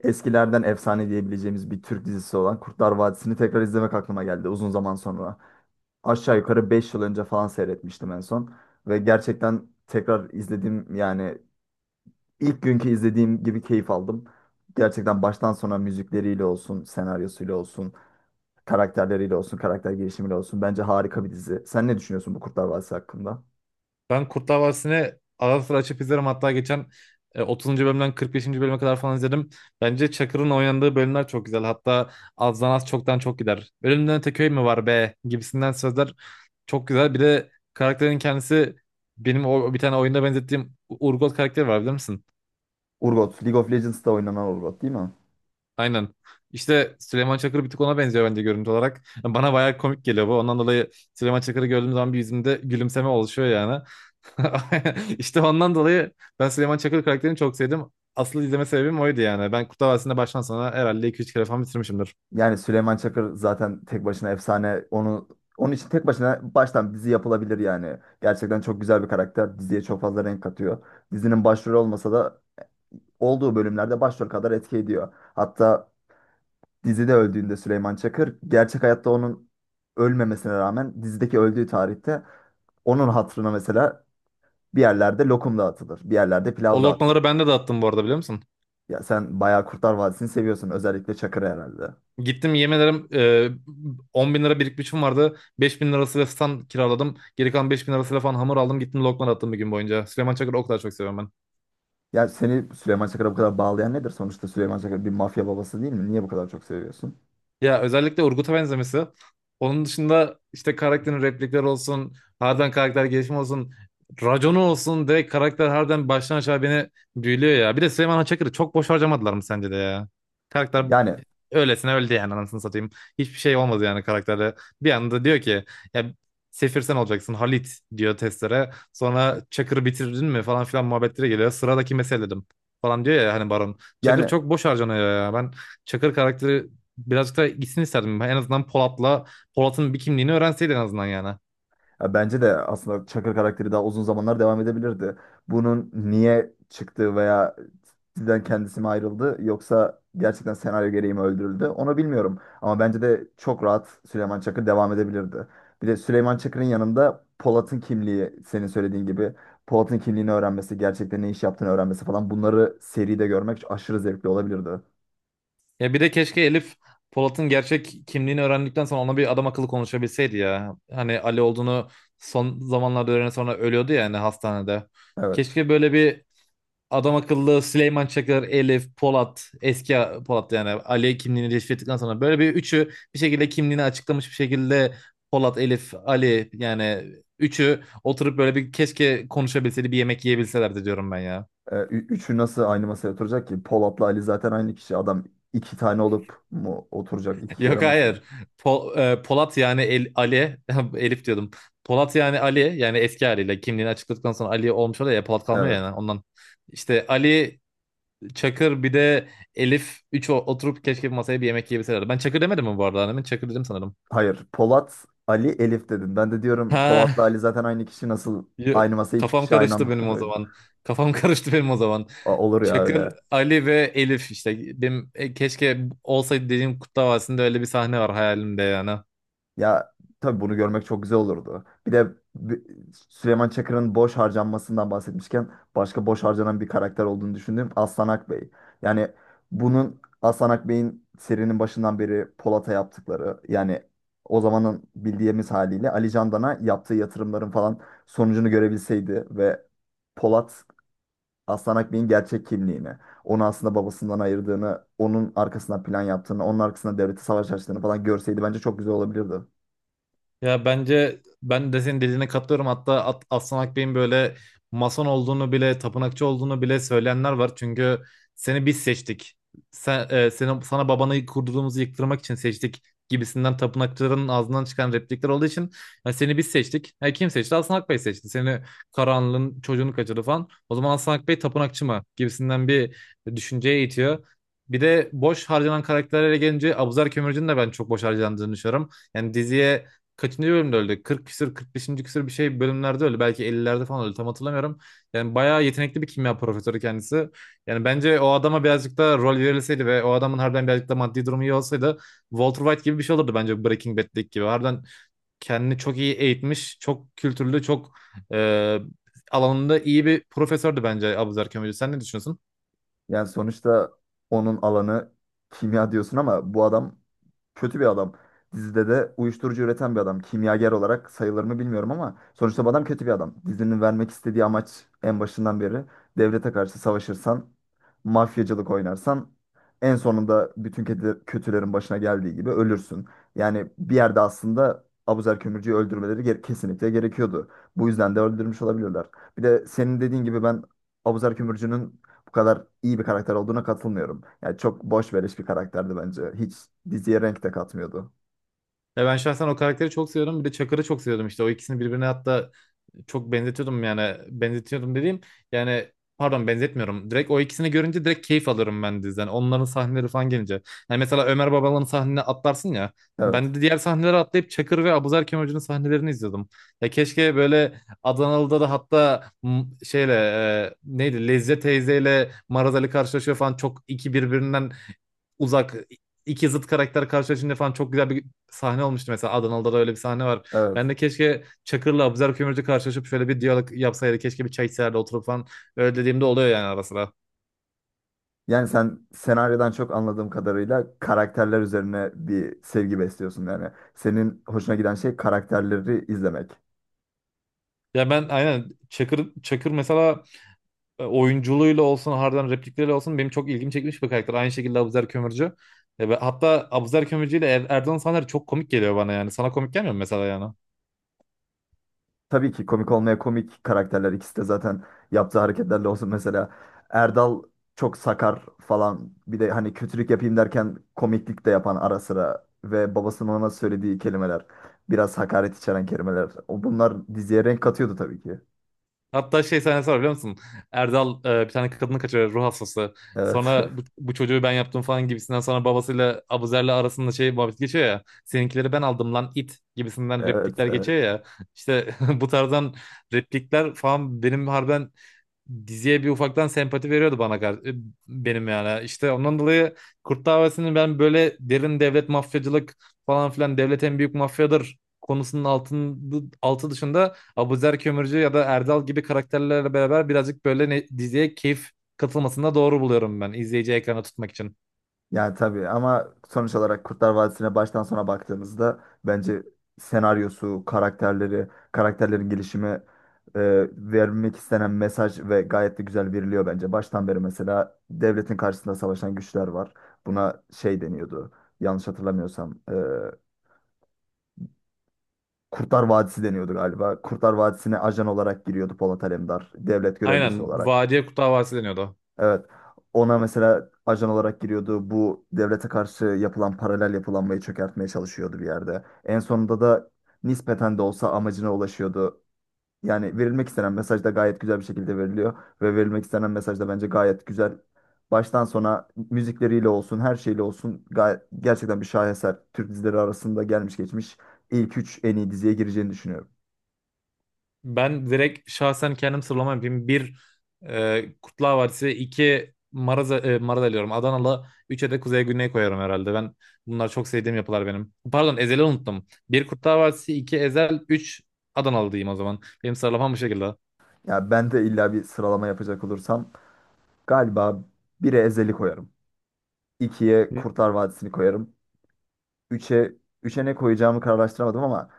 Eskilerden efsane diyebileceğimiz bir Türk dizisi olan Kurtlar Vadisi'ni tekrar izlemek aklıma geldi uzun zaman sonra. Aşağı yukarı 5 yıl önce falan seyretmiştim en son. Ve gerçekten tekrar izlediğim yani ilk günkü izlediğim gibi keyif aldım. Gerçekten baştan sona müzikleriyle olsun, senaryosuyla olsun, karakterleriyle olsun, karakter gelişimiyle olsun. Bence harika bir dizi. Sen ne düşünüyorsun bu Kurtlar Vadisi hakkında? Ben Kurtlar Vadisi'ni ara sıra açıp izlerim. Hatta geçen 30. bölümden 45. bölüme kadar falan izledim. Bence Çakır'ın oynandığı bölümler çok güzel. Hatta azdan az çoktan çok gider. Ölümden öte köy mü var be gibisinden sözler çok güzel. Bir de karakterin kendisi benim o bir tane oyunda benzettiğim Urgot karakteri var bilir misin? Urgot, League of Legends'ta oynanan Urgot değil mi? Aynen. İşte Süleyman Çakır bir tık ona benziyor bence görüntü olarak. Yani bana bayağı komik geliyor bu. Ondan dolayı Süleyman Çakır'ı gördüğüm zaman bir yüzümde gülümseme oluşuyor yani. İşte ondan dolayı ben Süleyman Çakır karakterini çok sevdim. Asıl izleme sebebim oydu yani. Ben Kurtlar Vadisi'nde baştan sona herhalde 2-3 kere falan bitirmişimdir. Yani Süleyman Çakır zaten tek başına efsane. Onu onun için tek başına baştan dizi yapılabilir yani. Gerçekten çok güzel bir karakter. Diziye çok fazla renk katıyor. Dizinin başrolü olmasa da olduğu bölümlerde başrol kadar etki ediyor. Hatta dizide öldüğünde Süleyman Çakır gerçek hayatta onun ölmemesine rağmen dizideki öldüğü tarihte onun hatırına mesela bir yerlerde lokum dağıtılır. Bir yerlerde O pilav dağıtılır. lokmaları ben de dağıttım bu arada biliyor musun? Ya sen bayağı Kurtlar Vadisi'ni seviyorsun, özellikle Çakır'ı herhalde. Gittim yemin ederim 10 bin lira birikmişim vardı. 5 bin lirasıyla stand kiraladım. Geri kalan 5 bin lirasıyla falan hamur aldım. Gittim lokma dağıttım bir gün boyunca. Süleyman Çakır'ı o kadar çok seviyorum ben. Ya seni Süleyman Çakır'a bu kadar bağlayan nedir? Sonuçta Süleyman Çakır bir mafya babası değil mi? Niye bu kadar çok seviyorsun? Ya özellikle Urgut'a benzemesi. Onun dışında işte karakterin replikleri olsun, harbiden karakter gelişimi olsun, raconu olsun, direkt karakter harbiden baştan aşağı beni büyülüyor ya. Bir de Süleyman Haçakır'ı çok boş harcamadılar mı sence de ya? Karakter Yani. Öylesine öldü yani anasını satayım. Hiçbir şey olmadı yani karakterle. Bir anda diyor ki ya, Sefir sen olacaksın Halit diyor testlere. Sonra Çakır'ı bitirdin mi falan filan muhabbetlere geliyor. Sıradaki meseledim falan diyor ya hani Baron. Çakır yani çok boş harcanıyor ya. Ben Çakır karakteri birazcık da gitsin isterdim. En azından Polat'la Polat'ın bir kimliğini öğrenseydi en azından yani. ya bence de aslında Çakır karakteri daha uzun zamanlar devam edebilirdi. Bunun niye çıktığı veya sizden kendisi mi ayrıldı yoksa gerçekten senaryo gereği mi öldürüldü? Onu bilmiyorum. Ama bence de çok rahat Süleyman Çakır devam edebilirdi. Bir de Süleyman Çakır'ın yanında Polat'ın kimliği senin söylediğin gibi Polat'ın kimliğini öğrenmesi, gerçekten ne iş yaptığını öğrenmesi falan bunları seride görmek aşırı zevkli olabilirdi. Ya bir de keşke Elif Polat'ın gerçek kimliğini öğrendikten sonra ona bir adam akıllı konuşabilseydi ya. Hani Ali olduğunu son zamanlarda öğrenen sonra ölüyordu ya hani hastanede. Evet. Keşke böyle bir adam akıllı Süleyman Çakır, Elif, Polat, eski Polat yani Ali kimliğini keşfettikten sonra böyle bir üçü bir şekilde kimliğini açıklamış bir şekilde Polat, Elif, Ali yani üçü oturup böyle bir keşke konuşabilseydi bir yemek yiyebilselerdi diyorum ben ya. Üçü nasıl aynı masaya oturacak ki? Polat'la Ali zaten aynı kişi. Adam iki tane olup mu oturacak iki kere Yok masaya? hayır. Polat yani Ali, Elif diyordum. Polat yani Ali yani eski haliyle kimliğini açıkladıktan sonra Ali olmuş oluyor ya, Polat kalmıyor Evet. yani ondan. İşte Ali, Çakır bir de Elif oturup keşke bir masaya bir yemek yiyebilselerdi. Ben Çakır demedim mi bu arada annemin? Çakır dedim sanırım. Hayır. Polat, Ali, Elif dedin. Ben de diyorum Polat'la Ha, Ali zaten aynı kişi. Nasıl yo- aynı masaya iki kafam kişi aynı karıştı anda benim o oturuyor? zaman. Kafam karıştı benim o zaman. Olur ya öyle. Çakır, Ali ve Elif işte. Benim, keşke olsaydı dediğim Kurtlar Vadisi'nde öyle bir sahne var hayalimde yani. Ya tabii bunu görmek çok güzel olurdu. Bir de bi- Süleyman Çakır'ın boş harcanmasından bahsetmişken başka boş harcanan bir karakter olduğunu düşündüğüm Aslan Akbey. Yani bunun Aslan Akbey'in serinin başından beri Polat'a yaptıkları yani o zamanın bildiğimiz haliyle Ali Candan'a yaptığı yatırımların falan sonucunu görebilseydi ve Polat Aslan Akbey'in gerçek kimliğini, onu aslında babasından ayırdığını, onun arkasından plan yaptığını, onun arkasına devleti savaş açtığını falan görseydi bence çok güzel olabilirdi. Ya bence ben de senin dediğine katılıyorum. Hatta Aslan Akbey'in böyle mason olduğunu bile, tapınakçı olduğunu bile söyleyenler var. Çünkü seni biz seçtik. Sen, senin, sana babanı kurduğumuzu yıktırmak için seçtik gibisinden tapınakçıların ağzından çıkan replikler olduğu için "Ya seni biz seçtik. Ha, kim seçti? Aslan Akbey seçti. Seni karanlığın çocuğunu kaçırdı falan. O zaman Aslan Akbey tapınakçı mı?" gibisinden bir düşünceye itiyor. Bir de boş harcanan karakterlere gelince Abuzer Kömürcü'nün de ben çok boş harcandığını düşünüyorum. Yani diziye kaçıncı bölümde öldü? 40 küsür 45. küsür bir şey bölümlerde öldü. Belki 50'lerde falan öldü. Tam hatırlamıyorum. Yani bayağı yetenekli bir kimya profesörü kendisi. Yani bence o adama birazcık da rol verilseydi ve o adamın harbiden birazcık da maddi durumu iyi olsaydı Walter White gibi bir şey olurdu bence, Breaking Bad'deki gibi. Harbiden kendini çok iyi eğitmiş, çok kültürlü, çok e, alanında iyi bir profesördü bence Abuzer Kömürcü. Sen ne düşünüyorsun? Yani sonuçta onun alanı kimya diyorsun ama bu adam kötü bir adam. Dizide de uyuşturucu üreten bir adam. Kimyager olarak sayılır mı bilmiyorum ama sonuçta bu adam kötü bir adam. Dizinin vermek istediği amaç en başından beri devlete karşı savaşırsan, mafyacılık oynarsan en sonunda bütün kötülerin başına geldiği gibi ölürsün. Yani bir yerde aslında Abuzer Kömürcü'yü öldürmeleri kesinlikle gerekiyordu. Bu yüzden de öldürmüş olabilirler. Bir de senin dediğin gibi ben Abuzer Kömürcü'nün bu kadar iyi bir karakter olduğuna katılmıyorum. Yani çok boş veriş bir karakterdi bence. Hiç diziye renk de katmıyordu. Ya ben şahsen o karakteri çok seviyorum. Bir de Çakır'ı çok seviyordum işte. O ikisini birbirine hatta çok benzetiyordum, yani benzetiyordum dediğim yani, pardon, benzetmiyorum. Direkt o ikisini görünce direkt keyif alırım ben diziden. Onların sahneleri falan gelince. Yani mesela Ömer Babalan'ın sahnene atlarsın ya. Evet, Ben de diğer sahneleri atlayıp Çakır ve Abuzer Hoca'nın sahnelerini izliyordum. Ya keşke böyle Adanalı'da da, hatta şeyle, neydi, Lezze teyzeyle Maraz Ali karşılaşıyor falan, çok iki birbirinden uzak iki zıt karakter karşılaşınca falan çok güzel bir sahne olmuştu mesela, Adanalı'da da öyle bir sahne var. evet. Ben de keşke Çakır'la Abuzer Kömürcü karşılaşıp şöyle bir diyalog yapsaydı. Keşke bir çay içeride oturup falan, öyle dediğimde oluyor yani ara sıra. Yani sen senaryodan çok anladığım kadarıyla karakterler üzerine bir sevgi besliyorsun yani. Senin hoşuna giden şey karakterleri izlemek. Ya ben aynen Çakır mesela, oyunculuğuyla olsun harbiden replikleriyle olsun benim çok ilgimi çekmiş bir karakter. Aynı şekilde Abuzer Kömürcü. Ve hatta Abuzer Kömürcü ile Erdoğan Saner çok komik geliyor bana yani. Sana komik gelmiyor mu mesela yani? Tabii ki komik olmaya komik karakterler ikisi de zaten yaptığı hareketlerle olsun, mesela Erdal çok sakar falan, bir de hani kötülük yapayım derken komiklik de yapan ara sıra ve babasının ona söylediği kelimeler biraz hakaret içeren kelimeler, o bunlar diziye renk katıyordu tabii ki. Hatta şey sahnesi var biliyor musun? Erdal bir tane kadını kaçırıyor ruh hastası. Evet Sonra bu, bu çocuğu ben yaptım falan gibisinden, sonra babasıyla, Abuzer'le arasında şey muhabbet geçiyor ya. Seninkileri ben aldım lan it gibisinden evet, replikler evet. geçiyor ya. İşte bu tarzdan replikler falan benim harbiden diziye bir ufaktan sempati veriyordu bana, benim yani. İşte ondan dolayı Kurt Vadisi'nin ben böyle derin devlet mafyacılık falan filan, devlet en büyük mafyadır konusunun altı dışında Abuzer Kömürcü ya da Erdal gibi karakterlerle beraber birazcık böyle diziye keyif katılmasında doğru buluyorum ben, izleyici ekrana tutmak için. Yani tabii ama sonuç olarak Kurtlar Vadisi'ne baştan sona baktığımızda bence senaryosu, karakterleri, karakterlerin gelişimi, vermek istenen mesaj ve gayet de güzel veriliyor bence. Baştan beri mesela devletin karşısında savaşan güçler var. Buna şey deniyordu. Yanlış hatırlamıyorsam, Kurtlar Vadisi deniyordu galiba. Kurtlar Vadisi'ne ajan olarak giriyordu Polat Alemdar, devlet görevlisi Aynen olarak. Vadiye Kurt Davası deniyordu. Evet. Ona mesela ajan olarak giriyordu. Bu devlete karşı yapılan paralel yapılanmayı çökertmeye çalışıyordu bir yerde. En sonunda da nispeten de olsa amacına ulaşıyordu. Yani verilmek istenen mesaj da gayet güzel bir şekilde veriliyor. Ve verilmek istenen mesaj da bence gayet güzel. Baştan sona müzikleriyle olsun, her şeyle olsun gayet, gerçekten bir şaheser. Türk dizileri arasında gelmiş geçmiş ilk üç en iyi diziye gireceğini düşünüyorum. Ben direkt şahsen kendim sıralama yapayım. Bir, Kurtlar Vadisi; iki, Maraz, Maraz diyorum, Adanalı; üçe de Kuzey Güney koyarım herhalde. Ben bunlar çok sevdiğim yapılar benim. Pardon, Ezel'i unuttum. Bir Kurtlar Vadisi, iki Ezel, üç Adanalı diyeyim o zaman. Benim sıralamam bu şekilde. Ya ben de illa bir sıralama yapacak olursam galiba 1'e Ezel'i koyarım. 2'ye Kurtlar Vadisi'ni koyarım. üçe 3'e ne koyacağımı kararlaştıramadım ama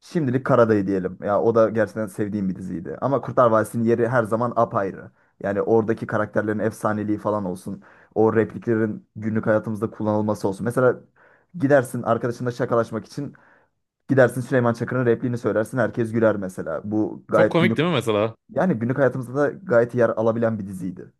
şimdilik Karadayı diyelim. Ya o da gerçekten sevdiğim bir diziydi. Ama Kurtlar Vadisi'nin yeri her zaman apayrı. Yani oradaki karakterlerin efsaneliği falan olsun. O repliklerin günlük hayatımızda kullanılması olsun. Mesela gidersin arkadaşınla şakalaşmak için, gidersin Süleyman Çakır'ın repliğini söylersin, herkes güler mesela. Bu Çok gayet komik günlük, değil mi mesela? yani günlük hayatımızda da gayet yer alabilen bir diziydi.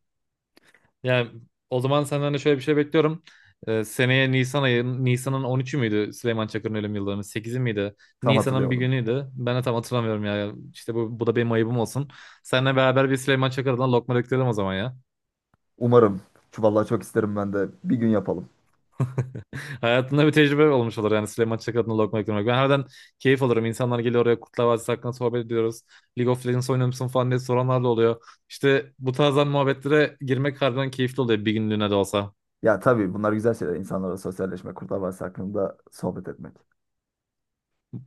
Yani o zaman senden de şöyle bir şey bekliyorum. Seneye Nisan ayı, Nisan'ın 13'ü müydü Süleyman Çakır'ın ölüm yıldönümü? 8'i miydi? Tam Nisan'ın bir hatırlayamadım. günüydü. Ben de tam hatırlamıyorum ya. İşte bu da benim ayıbım olsun. Seninle beraber bir Süleyman Çakır'dan lokma döktürelim o zaman ya. Umarım. Şu vallahi çok isterim ben de. Bir gün yapalım. Hayatında bir tecrübe olmuş olur yani, Süleyman Çakır'dan lokma döktürmek. Ben herden keyif alırım. İnsanlar geliyor oraya, Kurtlar Vadisi hakkında sohbet ediyoruz. League of Legends oynuyor musun falan diye soranlar da oluyor. İşte bu tarzdan muhabbetlere girmek harbiden keyifli oluyor bir günlüğüne de olsa. Ya tabii bunlar güzel şeyler. İnsanlarla sosyalleşmek, Kurtlar Vadisi hakkında sohbet etmek.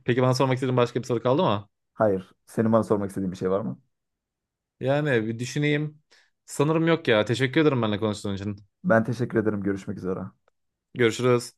Peki bana sormak istediğin başka bir soru kaldı mı? Hayır, senin bana sormak istediğin bir şey var mı? Yani bir düşüneyim. Sanırım yok ya. Teşekkür ederim benimle konuştuğun için. Ben teşekkür ederim. Görüşmek üzere. Görüşürüz.